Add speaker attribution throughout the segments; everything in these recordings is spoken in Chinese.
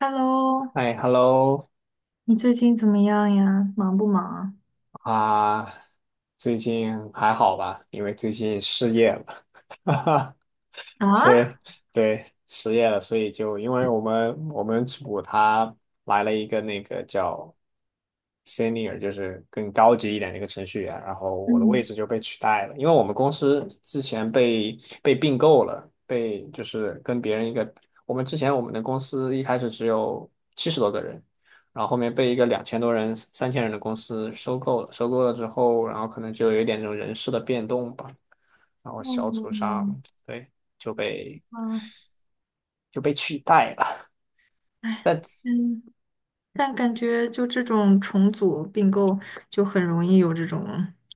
Speaker 1: Hello，
Speaker 2: 哎，hello
Speaker 1: 你最近怎么样呀？忙不忙
Speaker 2: 啊，最近还好吧？因为最近失业了，哈哈，
Speaker 1: 啊？
Speaker 2: 所以
Speaker 1: 啊，
Speaker 2: 对失业了，所以就因为我们组他来了一个那个叫 senior 就是更高级一点的一个程序员，然后我的位
Speaker 1: 嗯，
Speaker 2: 置就被取代了，因为我们公司之前被并购了，被就是跟别人一个，我们之前我们的公司一开始只有七十多个人，然后后面被一个两千多人、三千人的公司收购了，收购了之后，然后可能就有一点这种人事的变动吧，然后小组
Speaker 1: 哦，
Speaker 2: 上对就被
Speaker 1: 啊，
Speaker 2: 就被取代了，
Speaker 1: 哎，
Speaker 2: 但
Speaker 1: 嗯，但感觉就这种重组并购，就很容易有这种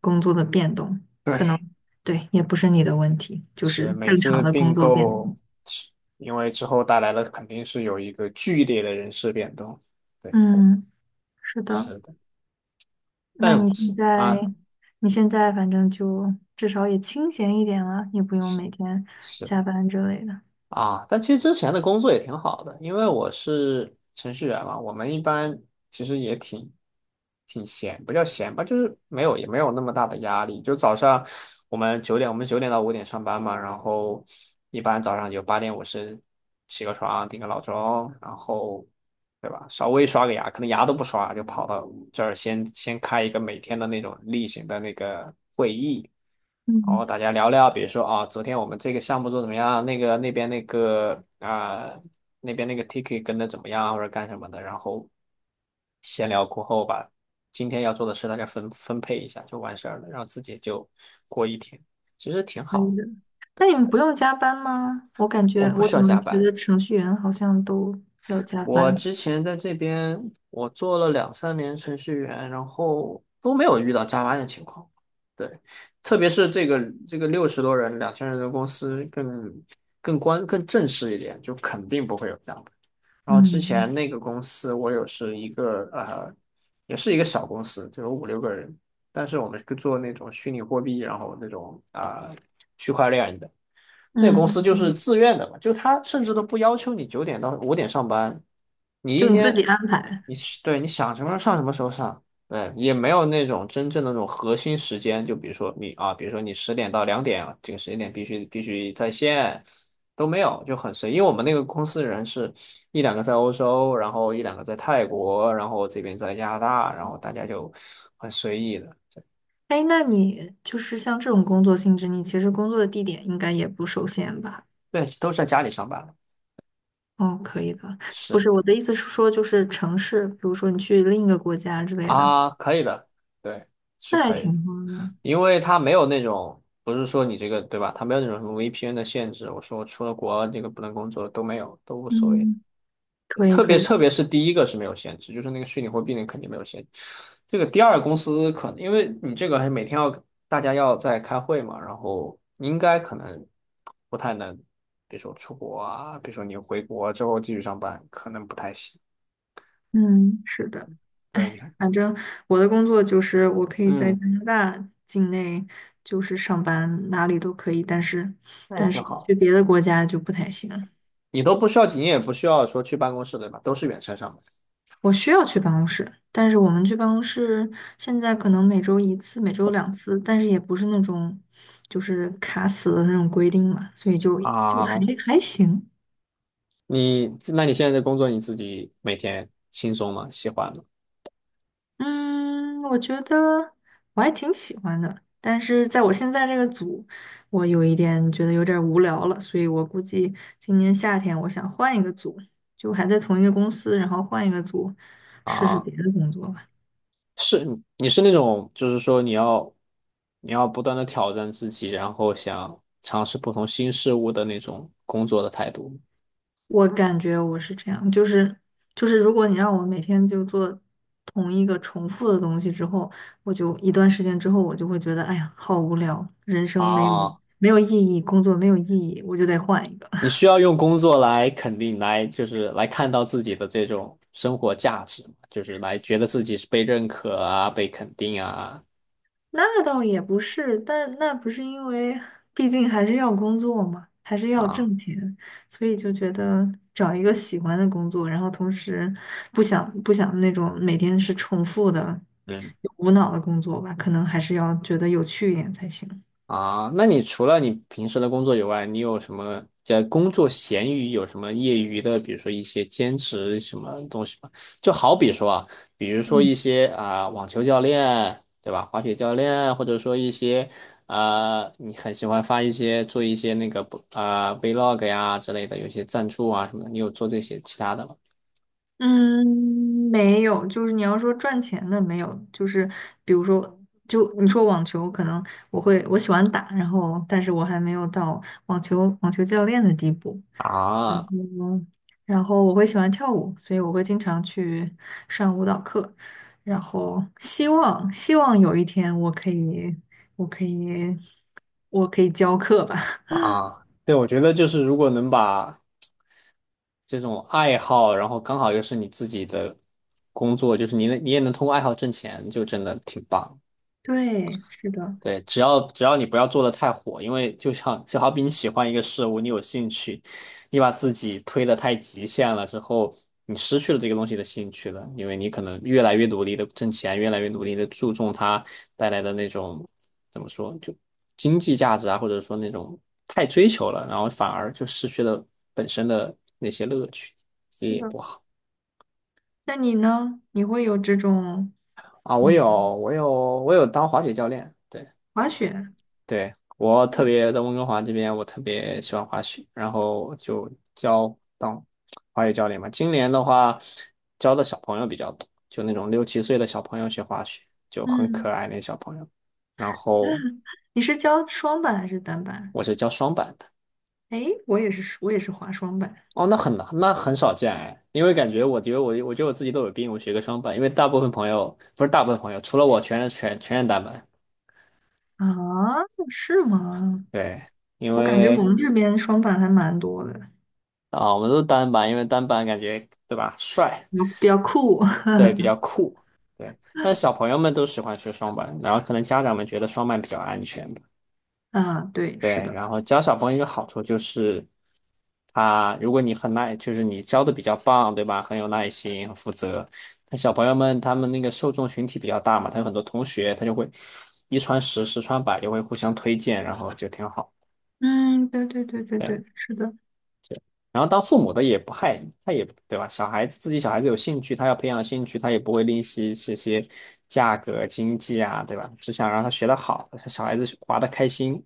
Speaker 1: 工作的变动，可能
Speaker 2: 对，
Speaker 1: 对，也不是你的问题，就是
Speaker 2: 是每
Speaker 1: 正
Speaker 2: 次
Speaker 1: 常的
Speaker 2: 并
Speaker 1: 工作变动。
Speaker 2: 购，是因为之后带来了肯定是有一个剧烈的人事变动，对，
Speaker 1: 嗯，是的。
Speaker 2: 是的，
Speaker 1: 那
Speaker 2: 但
Speaker 1: 你现
Speaker 2: 是
Speaker 1: 在，
Speaker 2: 啊，
Speaker 1: 你现在反正就至少也清闲一点了，也不用
Speaker 2: 是
Speaker 1: 每天
Speaker 2: 是
Speaker 1: 加班之类的。
Speaker 2: 啊，但其实之前的工作也挺好的，因为我是程序员嘛，我们一般其实也挺闲，不叫闲吧，就是没有也没有那么大的压力，就早上我们九点到五点上班嘛，然后一般早上就八点五十起个床，定个闹钟，然后。对吧？稍微刷个牙，可能牙都不刷，就跑到这儿先开一个每天的那种例行的那个会议，然后
Speaker 1: 嗯，
Speaker 2: 大家聊聊，比如说啊，昨天我们这个项目做怎么样？那边那个 ticket 跟的怎么样，或者干什么的，然后闲聊过后吧，今天要做的事大家分配一下就完事儿了，然后自己就过一天，其实挺
Speaker 1: 可
Speaker 2: 好
Speaker 1: 以
Speaker 2: 的，
Speaker 1: 的。那你们不用加班吗？我感
Speaker 2: 我
Speaker 1: 觉
Speaker 2: 们不
Speaker 1: 我
Speaker 2: 需
Speaker 1: 怎
Speaker 2: 要
Speaker 1: 么
Speaker 2: 加
Speaker 1: 觉
Speaker 2: 班。
Speaker 1: 得程序员好像都要加
Speaker 2: 我
Speaker 1: 班。
Speaker 2: 之前在这边，我做了两三年程序员，然后都没有遇到加班的情况。对，特别是这个六十多人、两千人的公司更正式一点，就肯定不会有这样的。然后之前
Speaker 1: 嗯
Speaker 2: 那个公司，我有是一个呃，也是一个小公司，就有五六个人，但是我们是做那种虚拟货币，然后那种啊、区块链的。那个
Speaker 1: 嗯
Speaker 2: 公
Speaker 1: 嗯
Speaker 2: 司就是
Speaker 1: 嗯，
Speaker 2: 自愿的嘛，就他甚至都不要求你九点到五点上班，你一
Speaker 1: 就你自己
Speaker 2: 天，
Speaker 1: 安排。
Speaker 2: 你对，你想什么时候上什么时候上，对，也没有那种真正的那种核心时间，就比如说你啊，比如说你十点到两点啊，这个时间点必须在线，都没有，就很随意。因为我们那个公司人是一两个在欧洲，然后一两个在泰国，然后这边在加拿大，然后大家就很随意的，
Speaker 1: 哎，那你就是像这种工作性质，你其实工作的地点应该也不受限吧？
Speaker 2: 对，都是在家里上班，
Speaker 1: 哦，可以的。不
Speaker 2: 是
Speaker 1: 是，我的意思是说，就是城市，比如说你去另一个国家之类的，
Speaker 2: 啊，可以的，对，是
Speaker 1: 那还
Speaker 2: 可
Speaker 1: 挺
Speaker 2: 以。
Speaker 1: 好的。
Speaker 2: 因为它没有那种，不是说你这个，对吧？它没有那种什么 VPN 的限制。我说我出了国这个不能工作都没有，都无所谓的，
Speaker 1: 嗯，
Speaker 2: 对，
Speaker 1: 可以
Speaker 2: 特
Speaker 1: 可
Speaker 2: 别
Speaker 1: 以。
Speaker 2: 特别是第一个是没有限制，就是那个虚拟货币那个肯定没有限制。这个第二公司可能因为你这个还每天要大家要在开会嘛，然后应该可能不太能，比如说出国啊，比如说你回国之后继续上班，可能不太行。
Speaker 1: 嗯，是的。
Speaker 2: 对，你
Speaker 1: 哎，
Speaker 2: 看，
Speaker 1: 反正我的工作就是我可以在
Speaker 2: 嗯，
Speaker 1: 加拿大境内就是上班，哪里都可以，但是
Speaker 2: 那也挺好。
Speaker 1: 去别的国家就不太行。
Speaker 2: 你都不需要，你也不需要说去办公室，对吧？都是远程上班
Speaker 1: 我需要去办公室，但是我们去办公室现在可能每周一次，每周两次，但是也不是那种就是卡死的那种规定嘛，所以就
Speaker 2: 啊。
Speaker 1: 还行。
Speaker 2: 你那你现在的工作你自己每天轻松吗？喜欢吗？
Speaker 1: 嗯，我觉得我还挺喜欢的，但是在我现在这个组，我有一点觉得有点儿无聊了，所以我估计今年夏天我想换一个组，就还在同一个公司，然后换一个组，试试
Speaker 2: 啊，
Speaker 1: 别的工作吧。
Speaker 2: 是你是那种就是说你要不断的挑战自己，然后想尝试不同新事物的那种工作的态度吗？
Speaker 1: 我感觉我是这样，就是如果你让我每天就做同一个重复的东西之后，我就一段时间之后，我就会觉得，哎呀，好无聊，人生
Speaker 2: 啊，
Speaker 1: 没有意义，工作没有意义，我就得换一个。
Speaker 2: 你需要用工作来肯定来就是来看到自己的这种生活价值嘛，就是来觉得自己是被认可啊，被肯定啊
Speaker 1: 那倒也不是，但那不是因为，毕竟还是要工作嘛，还是要
Speaker 2: 啊。
Speaker 1: 挣钱，所以就觉得找一个喜欢的工作，然后同时不想那种每天是重复的、
Speaker 2: 嗯。
Speaker 1: 无脑的工作吧，可能还是要觉得有趣一点才行。
Speaker 2: 那你除了你平时的工作以外，你有什么在工作闲余有什么业余的，比如说一些兼职什么东西吗？就好比说啊，比如说
Speaker 1: 嗯，
Speaker 2: 一些啊、网球教练，对吧？滑雪教练，或者说一些啊、你很喜欢发一些做一些那个啊、vlog 呀之类的，有一些赞助啊什么的，你有做这些其他的吗？
Speaker 1: 嗯，没有，就是你要说赚钱的没有，就是比如说，就你说网球，可能我喜欢打，然后但是我还没有到网球教练的地步。
Speaker 2: 啊
Speaker 1: 嗯哼，然后我会喜欢跳舞，所以我会经常去上舞蹈课，然后希望有一天我可以，我可以教课吧。
Speaker 2: 对，我觉得就是如果能把这种爱好，然后刚好又是你自己的工作，就是你也能通过爱好挣钱，就真的挺棒。
Speaker 1: 对，是的，
Speaker 2: 对，只要你不要做的太火，因为就好比你喜欢一个事物，你有兴趣，你把自己推的太极限了之后，你失去了这个东西的兴趣了，因为你可能越来越努力的挣钱，越来越努力的注重它带来的那种怎么说，就经济价值啊，或者说那种太追求了，然后反而就失去了本身的那些乐趣，这
Speaker 1: 是
Speaker 2: 也
Speaker 1: 的。
Speaker 2: 不好。
Speaker 1: 那你呢？你会有这种
Speaker 2: 啊，我
Speaker 1: 嗯
Speaker 2: 有，我有，我有当滑雪教练。对，
Speaker 1: 滑雪？
Speaker 2: 对，我特别在温哥华这边，我特别喜欢滑雪，然后就当滑雪教练嘛。今年的话，教的小朋友比较多，就那种六七岁的小朋友学滑雪，就很可
Speaker 1: 嗯。
Speaker 2: 爱那小朋友。然后
Speaker 1: 你是教双板还是单板？
Speaker 2: 我是教双板的。
Speaker 1: 哎，我也是滑双板
Speaker 2: 哦，那很少见哎，因为感觉我觉得我我觉得我自己都有病，我学个双板，因为大部分朋友不是大部分朋友，除了我全是单板。
Speaker 1: 啊。是吗？
Speaker 2: 对，因
Speaker 1: 我感觉
Speaker 2: 为
Speaker 1: 我们这边双板还蛮多的，
Speaker 2: 我们都是单板，因为单板感觉对吧，帅，
Speaker 1: 比较酷。
Speaker 2: 对，比较酷，对。但是小朋友们都喜欢学双板，然后可能家长们觉得双板比较安全吧，
Speaker 1: 啊，对，是
Speaker 2: 对。
Speaker 1: 的。
Speaker 2: 然后教小朋友一个好处就是，如果你很耐，就是你教的比较棒，对吧？很有耐心，很负责。那小朋友们他们那个受众群体比较大嘛，他有很多同学，他就会一传十，十传百，就会互相推荐，然后就挺好。
Speaker 1: 嗯，对对对对
Speaker 2: 对。
Speaker 1: 对，是的。
Speaker 2: 然后当父母的也不害，他也对吧？小孩子有兴趣，他要培养兴趣，他也不会吝惜这些价格、经济啊，对吧？只想让他学得好，小孩子玩得开心。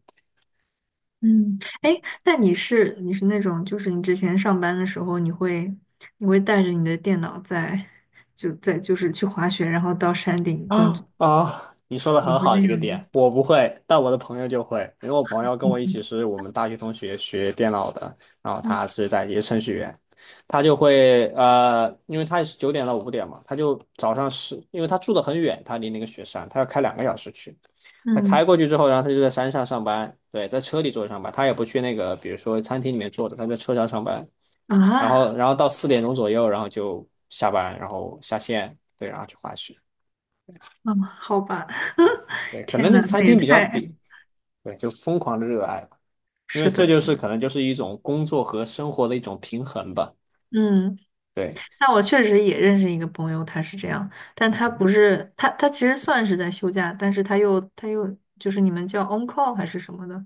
Speaker 1: 嗯，哎，那你是那种，就是你之前上班的时候，你会带着你的电脑在就是去滑雪，然后到山顶工作，
Speaker 2: 你说的
Speaker 1: 你
Speaker 2: 很
Speaker 1: 会
Speaker 2: 好，
Speaker 1: 那
Speaker 2: 这个
Speaker 1: 样吗？
Speaker 2: 点我不会，但我的朋友就会，因为我朋友跟我一起
Speaker 1: 嗯
Speaker 2: 是我们大学同学学电脑的，然后
Speaker 1: 嗯
Speaker 2: 他是在也是程序员，他就会因为他也是九点到五点嘛，他就早上是因为他住的很远，他离那个雪山，他要开两个小时去，他
Speaker 1: 嗯，
Speaker 2: 开过去之后，然后他就在山上上班，对，在车里坐着上班，他也不去那个比如说餐厅里面坐着，他在车上上班，然
Speaker 1: 啊，
Speaker 2: 后然后到四点钟左右，然后就下班，然后下线，对，然后去滑雪。
Speaker 1: 嗯，好吧。
Speaker 2: 对，可
Speaker 1: 天
Speaker 2: 能那
Speaker 1: 呐，
Speaker 2: 个餐
Speaker 1: 那也
Speaker 2: 厅比较
Speaker 1: 太
Speaker 2: 比，对，就疯狂的热爱吧，因为
Speaker 1: 是
Speaker 2: 这
Speaker 1: 的。
Speaker 2: 就是可能就是一种工作和生活的一种平衡吧。
Speaker 1: 嗯，
Speaker 2: 对，
Speaker 1: 那我确实也认识一个朋友，他是这样，但他
Speaker 2: 嗯，
Speaker 1: 不是他他其实算是在休假，但是他又就是你们叫 on call 还是什么的。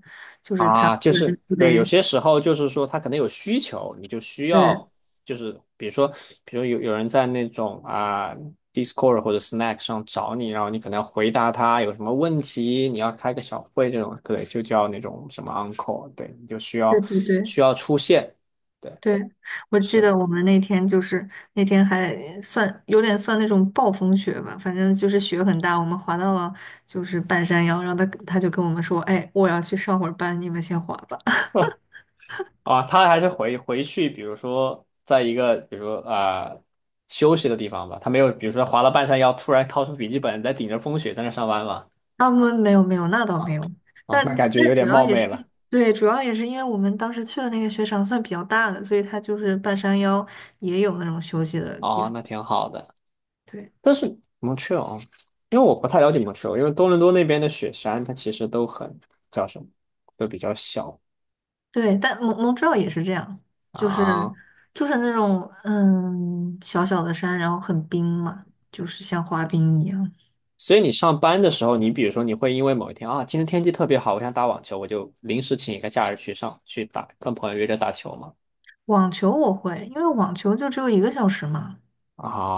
Speaker 2: 就是对，有
Speaker 1: 对
Speaker 2: 些时候就是说他可能有需求，你就需要
Speaker 1: 对
Speaker 2: 就是比如说，比如有人在那种Discord 或者 Snack 上找你，然后你可能要回答他有什么问题，你要开个小会这种，对，就叫那种什么 on call，对，你就需要
Speaker 1: 对对对
Speaker 2: 需要出现。对，
Speaker 1: 对，我记
Speaker 2: 是的。
Speaker 1: 得我们那天还算有点算那种暴风雪吧，反正就是雪很大，我们滑到了就是半山腰，然后他就跟我们说，哎，我要去上会儿班，你们先滑吧。
Speaker 2: 他还是回去，比如说在一个，比如说休息的地方吧，他没有，比如说滑到半山腰，突然掏出笔记本，在顶着风雪在那上班嘛，
Speaker 1: 啊，我没有没有，那倒
Speaker 2: 啊
Speaker 1: 没有。但
Speaker 2: 那感觉有
Speaker 1: 但主
Speaker 2: 点
Speaker 1: 要
Speaker 2: 冒
Speaker 1: 也
Speaker 2: 昧
Speaker 1: 是
Speaker 2: 了，
Speaker 1: 对，主要也是因为我们当时去的那个雪场算比较大的，所以它就是半山腰也有那种休息的地
Speaker 2: 哦，
Speaker 1: 方。
Speaker 2: 那挺好的。
Speaker 1: 对。
Speaker 2: 但是蒙特哦，因为我不太了解蒙特利尔，因为多伦多那边的雪山，它其实都很叫什么，都比较小
Speaker 1: 对，但蒙特利尔也是这样，就是
Speaker 2: 啊，
Speaker 1: 就是那种小小的山，然后很冰嘛，就是像滑冰一样。
Speaker 2: 所以你上班的时候，你比如说你会因为某一天啊，今天天气特别好，我想打网球，我就临时请一个假日去打，跟朋友约着打球嘛。
Speaker 1: 网球我会，因为网球就只有一个小时嘛，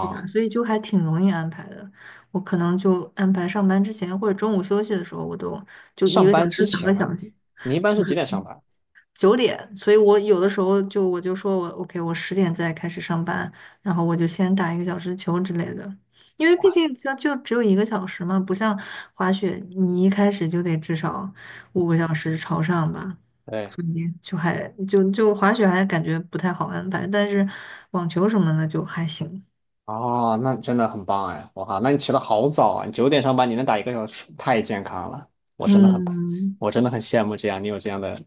Speaker 1: 对吧？所以就还挺容易安排的。我可能就安排上班之前或者中午休息的时候，我都就一
Speaker 2: 上
Speaker 1: 个小
Speaker 2: 班
Speaker 1: 时、
Speaker 2: 之
Speaker 1: 两个
Speaker 2: 前，
Speaker 1: 小时。
Speaker 2: 你一般是几
Speaker 1: 是。
Speaker 2: 点上班？
Speaker 1: 9点，所以我有的时候就我就说我 OK，我10点再开始上班，然后我就先打一个小时球之类的，因为毕竟就只有一个小时嘛，不像滑雪，你一开始就得至少5个小时朝上吧，
Speaker 2: 对，
Speaker 1: 所以就还就滑雪还感觉不太好安排，但是网球什么的就还行。
Speaker 2: 哦，那真的很棒哎！我靠，那你起得好早啊！你九点上班，你能打一个小时，太健康了。我真的很，
Speaker 1: 嗯。
Speaker 2: 我真的很羡慕这样，你有这样的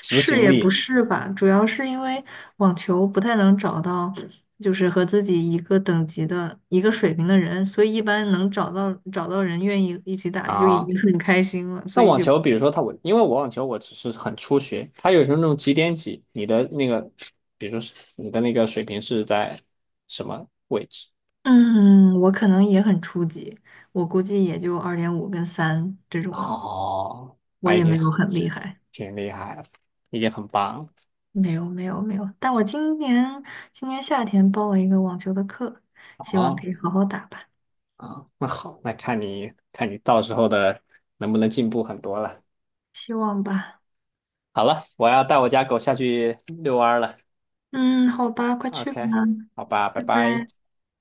Speaker 2: 执
Speaker 1: 是
Speaker 2: 行
Speaker 1: 也不
Speaker 2: 力
Speaker 1: 是吧，主要是因为网球不太能找到，就是和自己一个等级的、一个水平的人，所以一般能找到人愿意一起打就已
Speaker 2: 啊。
Speaker 1: 经很开心了。
Speaker 2: 那
Speaker 1: 所以
Speaker 2: 网
Speaker 1: 就
Speaker 2: 球，比如说他，我因为我网球我只是很初学，他有时候那种几点几，你的那个，比如说是你的那个水平是在什么位置？
Speaker 1: 嗯，我可能也很初级，我估计也就2.5跟3这种，
Speaker 2: 哦，
Speaker 1: 我
Speaker 2: 那已
Speaker 1: 也
Speaker 2: 经
Speaker 1: 没有很厉害，
Speaker 2: 挺厉害了，已经很棒了
Speaker 1: 没有没有没有。但我今年夏天报了一个网球的课，希望
Speaker 2: 啊！
Speaker 1: 可以好好打吧，
Speaker 2: 那好，那看你到时候的能不能进步很多了。
Speaker 1: 希望吧。
Speaker 2: 好了，我要带我家狗下去遛弯儿了。
Speaker 1: 嗯，好吧，快去吧，
Speaker 2: OK，好吧，拜
Speaker 1: 拜
Speaker 2: 拜。
Speaker 1: 拜。